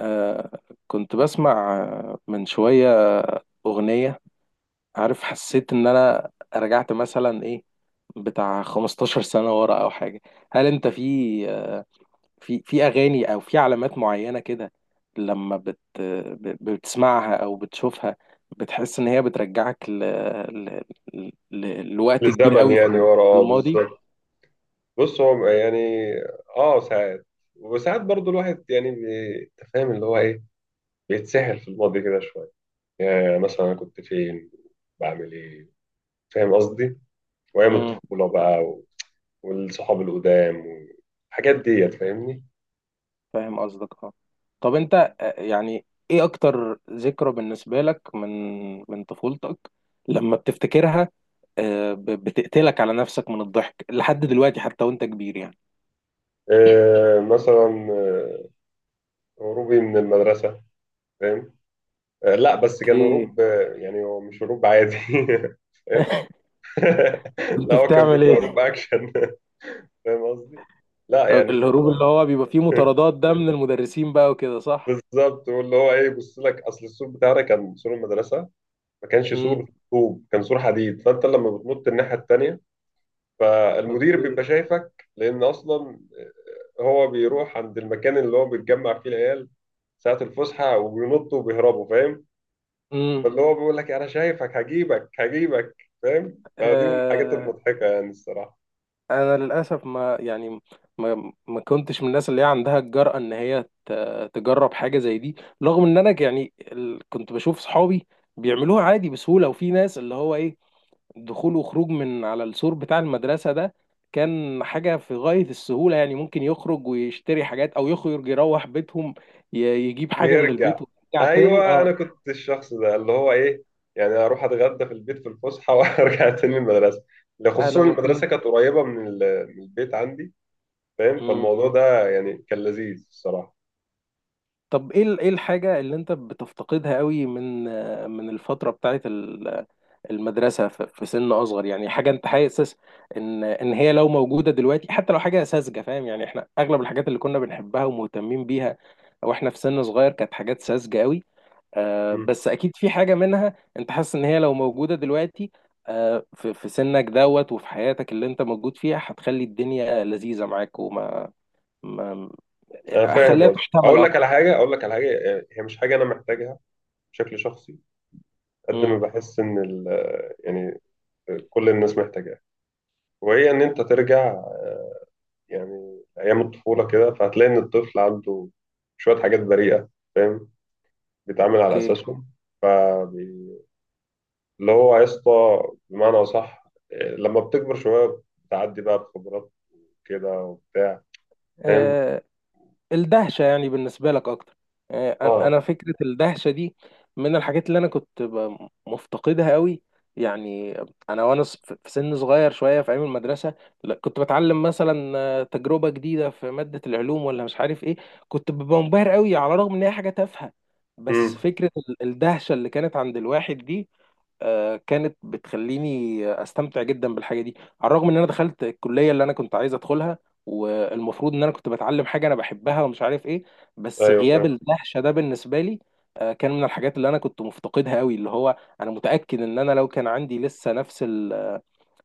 آه كنت بسمع من شوية أغنية. عارف، حسيت إن أنا رجعت مثلا، إيه، بتاع 15 سنة ورا أو حاجة. هل أنت في أغاني أو في علامات معينة كده، لما بتسمعها أو بتشوفها، بتحس إن هي بترجعك ل... لوقت كبير الزمن قوي في يعني ورا اه الماضي؟ بالظبط. بص، هو يعني اه ساعات وساعات. برضو الواحد يعني أنت فاهم اللي هو ايه، بيتسحل في الماضي كده شويه. يعني مثلا انا كنت فين، بعمل ايه، فاهم قصدي، وايام الطفوله بقى والصحاب القدام والحاجات ديت، فاهمني. فاهم قصدك، اه. طب انت، يعني ايه اكتر ذكرى بالنسبة لك من طفولتك لما بتفتكرها؟ بتقتلك على نفسك من الضحك لحد دلوقتي حتى وانت كبير، يعني. مثلا هروبي من المدرسه، فاهم. آه لا، بس كان اوكي. هروب يعني هو مش هروب عادي. فاهم. كنت لا، هو كان بتعمل بيبقى هروب ايه؟ اكشن. فاهم قصدي؟ لا يعني كنت. الهروب اللي هو بيبقى فيه مطاردات ده، من المدرسين بقى وكده، صح؟ بالظبط، واللي هو ايه، بص لك، اصل السور بتاعنا كان سور المدرسه، ما كانش امم. سور طوب، كان سور حديد. فانت لما بتنط الناحيه التانيه، فالمدير اوكي. بيبقى شايفك، لان اصلا هو بيروح عند المكان اللي هو بيتجمع فيه العيال ساعه الفسحه وبينطوا وبيهربوا، فاهم. فاللي هو بيقول لك انا شايفك، هجيبك هجيبك. فاهم، فدي من الحاجات امم. المضحكه يعني الصراحه. انا للاسف، ما يعني ما ما كنتش من الناس اللي هي عندها الجرأة ان هي تجرب حاجة زي دي، رغم ان انا يعني كنت بشوف صحابي بيعملوها عادي بسهولة، وفي ناس اللي هو ايه، دخول وخروج من على السور بتاع المدرسة ده كان حاجة في غاية السهولة. يعني ممكن يخرج ويشتري حاجات، او يخرج يروح بيتهم يجيب حاجة من البيت ويرجع. ويرجع تاني، ايوه انا اه. كنت الشخص ده، اللي هو ايه، يعني اروح اتغدى في البيت في الفسحه وارجع تاني المدرسه. ده خصوصا انا ما المدرسه كنت. كانت قريبه من من البيت عندي، فاهم. مم. فالموضوع ده يعني كان لذيذ الصراحه. طب ايه ايه الحاجة اللي انت بتفتقدها قوي من الفترة بتاعت المدرسة في سن أصغر، يعني حاجة أنت حاسس إن هي لو موجودة دلوقتي، حتى لو حاجة ساذجة، فاهم؟ يعني إحنا أغلب الحاجات اللي كنا بنحبها ومهتمين بيها وإحنا في سن صغير كانت حاجات ساذجة قوي. مم. بس أكيد في حاجة منها أنت حاسس إن هي لو موجودة دلوقتي، في سنك دوت وفي حياتك اللي أنت موجود فيها، هتخلي الدنيا لذيذة معاك. وما ما انا فاهم أخليها قصدي، تحتمل اقول لك على أكتر. حاجه، اقول لك على حاجه، يعني هي مش حاجه انا محتاجها بشكل شخصي. قد ما مم. بحس ان ال، يعني كل الناس محتاجاها، وهي ان انت ترجع يعني ايام الطفوله كده. فهتلاقي ان الطفل عنده شويه حاجات بريئه، فاهم، بيتعامل على أوكي. اساسهم. فبي- اللي هو يا اسطى، بمعنى اصح، إيه، لما بتكبر شويه بتعدي بقى بخبرات كده وبتاع، فاهم. آه، الدهشة، يعني بالنسبة لك أكتر. آه، أنا اه. أنا فكرة الدهشة دي من الحاجات اللي أنا كنت مفتقدها قوي. يعني أنا وأنا في سن صغير شوية في أيام المدرسة، لا، كنت بتعلم مثلا، تجربة جديدة في مادة العلوم ولا مش عارف إيه، كنت ببقى منبهر قوي على الرغم إن هي حاجة تافهة. بس امم. فكرة الدهشة اللي كانت عند الواحد دي، كانت بتخليني استمتع جدا بالحاجه دي. على الرغم ان انا دخلت الكليه اللي انا كنت عايز ادخلها، والمفروض ان انا كنت بتعلم حاجه انا بحبها ومش عارف ايه، بس ايوه غياب فاهم. الدهشه ده بالنسبه لي كان من الحاجات اللي انا كنت مفتقدها قوي. اللي هو انا متاكد ان انا لو كان عندي لسه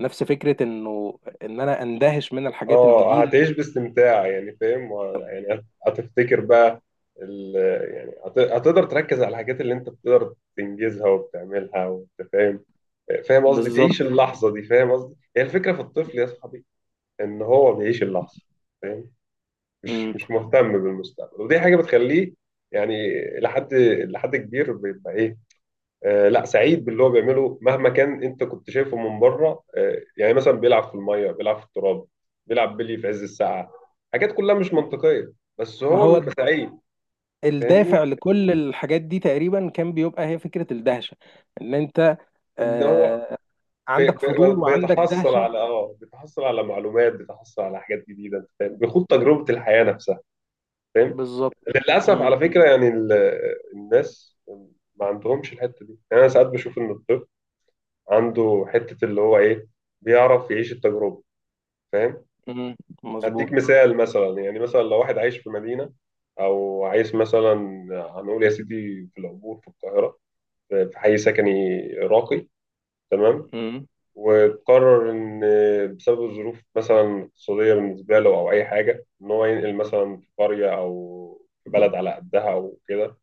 نفس فكره انه ان انا اندهش من الحاجات اه الجديده. هتعيش باستمتاع، يعني فاهم، يعني هتفتكر بقى ال... يعني هتقدر تركز على الحاجات اللي انت بتقدر تنجزها وبتعملها، وانت فاهم. فاهم قصدي، بالظبط. تعيش اللحظه دي. فاهم قصدي، هي الفكره في الطفل يا صاحبي، ان هو بيعيش اللحظه، فاهم. مش مم. مش مهتم بالمستقبل، ودي حاجه بتخليه يعني لحد لحد كبير بيبقى ايه، لا سعيد باللي هو بيعمله مهما كان انت كنت شايفه من بره. يعني مثلا بيلعب في الميه، بيلعب في التراب، بيلعب بلي في عز الساعه، حاجات كلها مش منطقيه، بس ما هو هو بيبقى سعيد. فاهمني، الدافع لكل الحاجات دي تقريبا كان بيبقى هي فكره الدهشه، ان انت ان هو آه، عندك فضول وعندك بيتحصل دهشة. على بيتحصل على معلومات، بيتحصل على حاجات جديده، أنت فاهم؟ بيخوض تجربه الحياه نفسها، فاهم. بالظبط. للاسف امم. على فكره، يعني الناس ما عندهمش الحته دي. يعني انا ساعات بشوف ان الطب عنده حته، اللي هو ايه، بيعرف يعيش التجربه، فاهم. امم. مظبوط. هديك مثال، مثلا يعني، مثلا لو واحد عايش في مدينه، او عايش مثلا، هنقول يا سيدي، في العبور في القاهره، في في حي سكني راقي، تمام، امم. وقرر ان بسبب الظروف مثلا اقتصاديه بالنسبه له او اي حاجه، ان هو ينقل مثلا في قريه او في بلد على قدها او كده،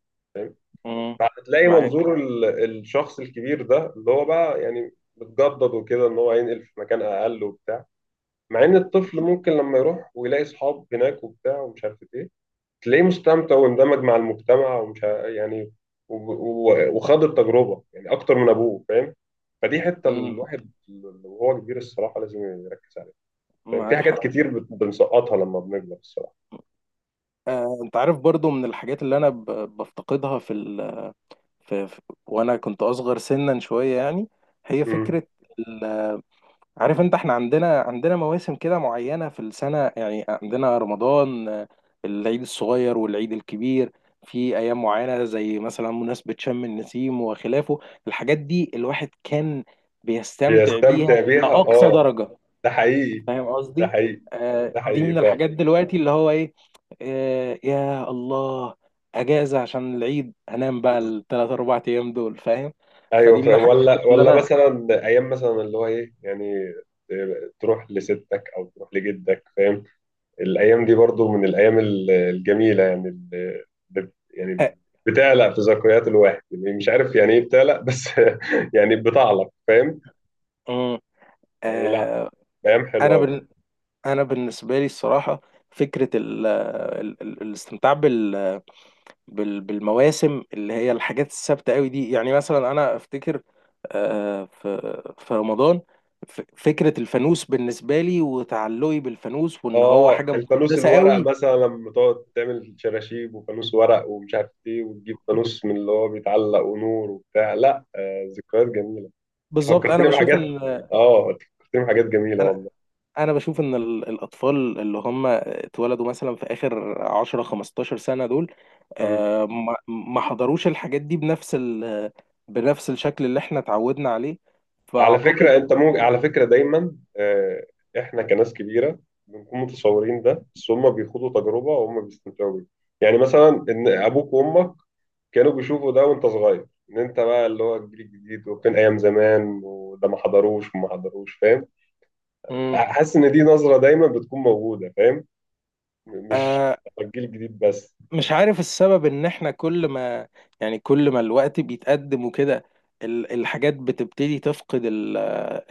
امم. فهتلاقي معاك. منظور الشخص الكبير ده، اللي هو بقى يعني متجدد وكده، ان هو هينقل في مكان اقل وبتاع. مع ان الطفل ممكن لما يروح ويلاقي اصحاب هناك وبتاع ومش عارف ايه، تلاقيه مستمتع واندمج مع المجتمع، ومش ع- يعني و- و- وخاض التجربة يعني اكتر من ابوه، فاهم. فدي حتة امم. الواحد وهو كبير الصراحة لازم يركز عليها. فاهم؟ في معاك حاجات حق. كتير بنسقطها لما بنكبر الصراحة. انت عارف، برضو من الحاجات اللي انا بفتقدها في في... في... وانا كنت اصغر سنا شوية، يعني، هي مم. فكرة. عارف انت، احنا عندنا مواسم كده معينة في السنة. يعني عندنا رمضان، العيد الصغير والعيد الكبير، في ايام معينة زي مثلا مناسبة شم النسيم وخلافه. الحاجات دي الواحد كان بيستمتع بيها بيستمتع إلى بيها، أقصى اه. درجة، ده حقيقي. فاهم ده قصدي؟ حقيقي. ده دي من حقيقي فعلا. الحاجات دلوقتي اللي هو ايه. يا الله، اجازة عشان العيد هنام بقى الثلاث اربع ايام دول، فاهم؟ ايوه فدي من الحاجات ولا برضو اللي ولا انا مثلا ايام، مثلا اللي هو ايه، يعني تروح لستك او تروح لجدك، فاهم. الايام دي برضو من الايام الجميله، يعني اللي يعني آه، بتعلق في ذكريات الواحد، يعني مش عارف يعني ايه بتعلق، بس يعني بتعلق، فاهم. مم. يعني لا، آه، ايام حلوه انا قوي. بال- انا بالنسبه لي الصراحه، فكره ال ال ال الاستمتاع بالمواسم اللي هي الحاجات الثابته قوي دي، يعني مثلا انا افتكر في رمضان، فكره الفانوس بالنسبه لي وتعلقي بالفانوس وان هو اه حاجه الفانوس مقدسه الورق، قوي. مثلا لما تقعد تعمل شراشيب وفانوس ورق ومش عارف ايه، وتجيب فانوس من اللي هو بيتعلق ونور وبتاع، لا آه ذكريات جميله. بالظبط. فكرتني بحاجات. اه، أنت فكرتني بحاجات جميله انا والله. انا بشوف ان الاطفال اللي هم اتولدوا مثلا في اخر 10 15 سنه دول، امم. ما حضروش الحاجات دي بنفس الشكل اللي احنا اتعودنا عليه. على فكره فاعتقد. انت، مو على فكره دايما، احنا كناس كبيره بنكون متصورين ده، بس هم بيخوضوا تجربه وهم بيستمتعوا بيها. يعني مثلا ان ابوك وامك كانوا بيشوفوا ده وانت صغير، ان انت بقى اللي هو الجيل الجديد، وكان ايام زمان وده ما حضروش وما حضروش، فاهم. مم، حاسس ان دي نظره دايما بتكون موجوده، فاهم. مش آه، الجيل الجديد بس. مش عارف السبب، ان احنا كل ما الوقت بيتقدم وكده، الحاجات بتبتدي تفقد ال-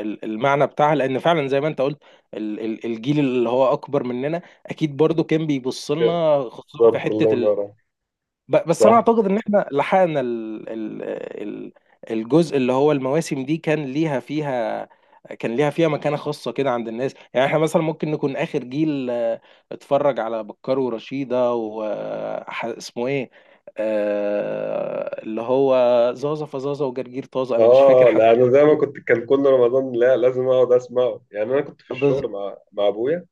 ال- المعنى بتاعها، لان فعلا زي ما انت قلت الجيل اللي هو اكبر مننا اكيد برضو كان بيبص لنا خصوصا في بالظبط، حته. الله ينور عليك. بس انا صح. اعتقد ان احنا لحقنا ال ال ال الجزء اللي هو المواسم دي كان ليها فيها مكانة خاصة كده عند الناس. يعني احنا مثلا ممكن نكون اخر جيل اتفرج على بكار ورشيدة واسمه ايه، اللي هو زازا فزازا وجرجير طازة، انا مش فاكر اه حتى. لا انا زي ما كنت، كان كل رمضان لا لازم اقعد اسمعه، يعني انا كنت في بز... الشغل مع ابويا،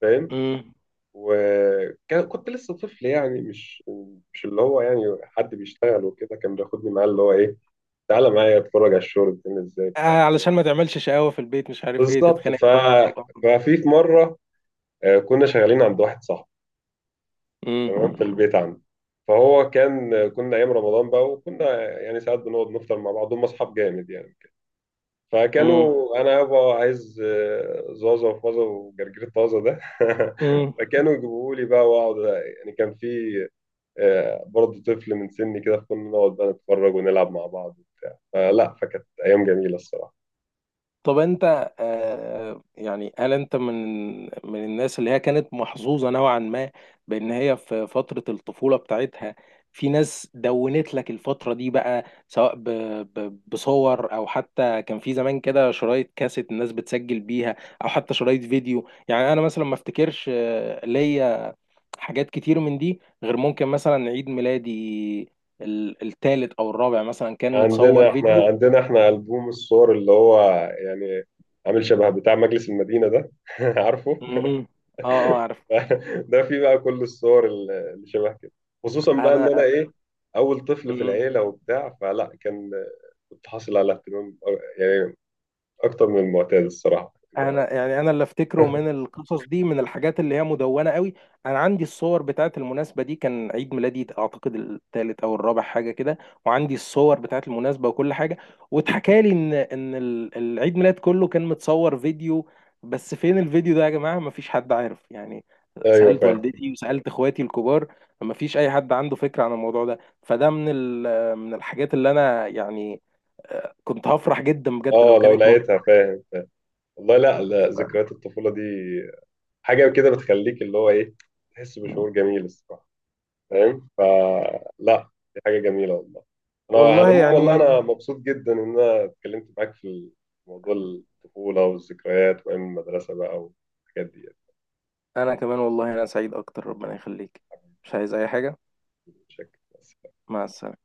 فاهم، مم. وكنت لسه طفل، يعني مش اللي هو يعني حد بيشتغل وكده، كان بياخدني معاه، اللي هو ايه، تعالى معايا اتفرج على الشغل بتعمل ازاي. علشان ما تعملش شقاوة في البيت، مش عارف ايه، بالظبط. تتخانق ف... انت ففي في مره كنا شغالين عند واحد صاحبي، مم. تمام، في البيت عنده. فهو كان، كنا ايام رمضان بقى، وكنا يعني ساعات بنقعد نفطر مع بعض، هم اصحاب جامد يعني. فكانوا، انا يابا عايز زازا وفازا وجرجير طازه ده. مم. فكانوا يجيبوا لي بقى واقعد. يعني كان في برضه طفل من سني كده، فكنا نقعد بقى نتفرج ونلعب مع بعض. فلا، فكانت ايام جميله الصراحه. طب انت يعني، هل انت من الناس اللي هي كانت محظوظة نوعا ما، بان هي في فترة الطفولة بتاعتها، في ناس دونت لك الفترة دي بقى، سواء ب ب بصور، او حتى كان في زمان كده شرايط كاسيت الناس بتسجل بيها، او حتى شرايط فيديو. يعني انا مثلا ما افتكرش ليا حاجات كتير من دي، غير ممكن مثلا عيد ميلادي الثالث او الرابع مثلا كان عندنا متصور احنا فيديو. عندنا احنا البوم الصور، اللي هو يعني عامل شبه بتاع مجلس المدينه ده. عارفه. مهم. اه. اه، عارف. ده فيه بقى كل الصور اللي شبه كده. خصوصا بقى ان انا انا. ايه، اول طفل في مم. العيله وبتاع، فلا كان، كنت حاصل على اهتمام يعني اكتر من المعتاد الصراحه، يعني. انا يعني انا اللي افتكره من القصص دي من الحاجات اللي هي مدونه قوي. انا عندي الصور بتاعت المناسبه دي، كان عيد ميلادي اعتقد الثالث او الرابع حاجه كده، وعندي الصور بتاعت المناسبه وكل حاجه، واتحكى لي ان العيد ميلاد كله كان متصور فيديو، بس فين الفيديو ده يا جماعه، مفيش حد عارف يعني. ايوه سالت فاهم. والدتي وسالت اخواتي الكبار، مفيش اي حد عنده فكره عن الموضوع ده. فده من من الحاجات اللي انا يعني، كنت هفرح جدا بجد اه لو لو كانت لقيتها، فاهم. والله لا لا موجوده. ذكريات الطفوله دي حاجه كده بتخليك اللي هو ايه، تحس بشعور جميل الصراحه، فاهم. فلا، دي حاجه جميله والله. انا على والله العموم والله، يعني. انا مبسوط جدا ان انا اتكلمت معاك في موضوع الطفوله والذكريات وايام المدرسه بقى والحاجات دي انا كمان، والله، انا سعيد اكتر، ربنا يخليك. مش عايز اي حاجة. بشكل مع السلامة.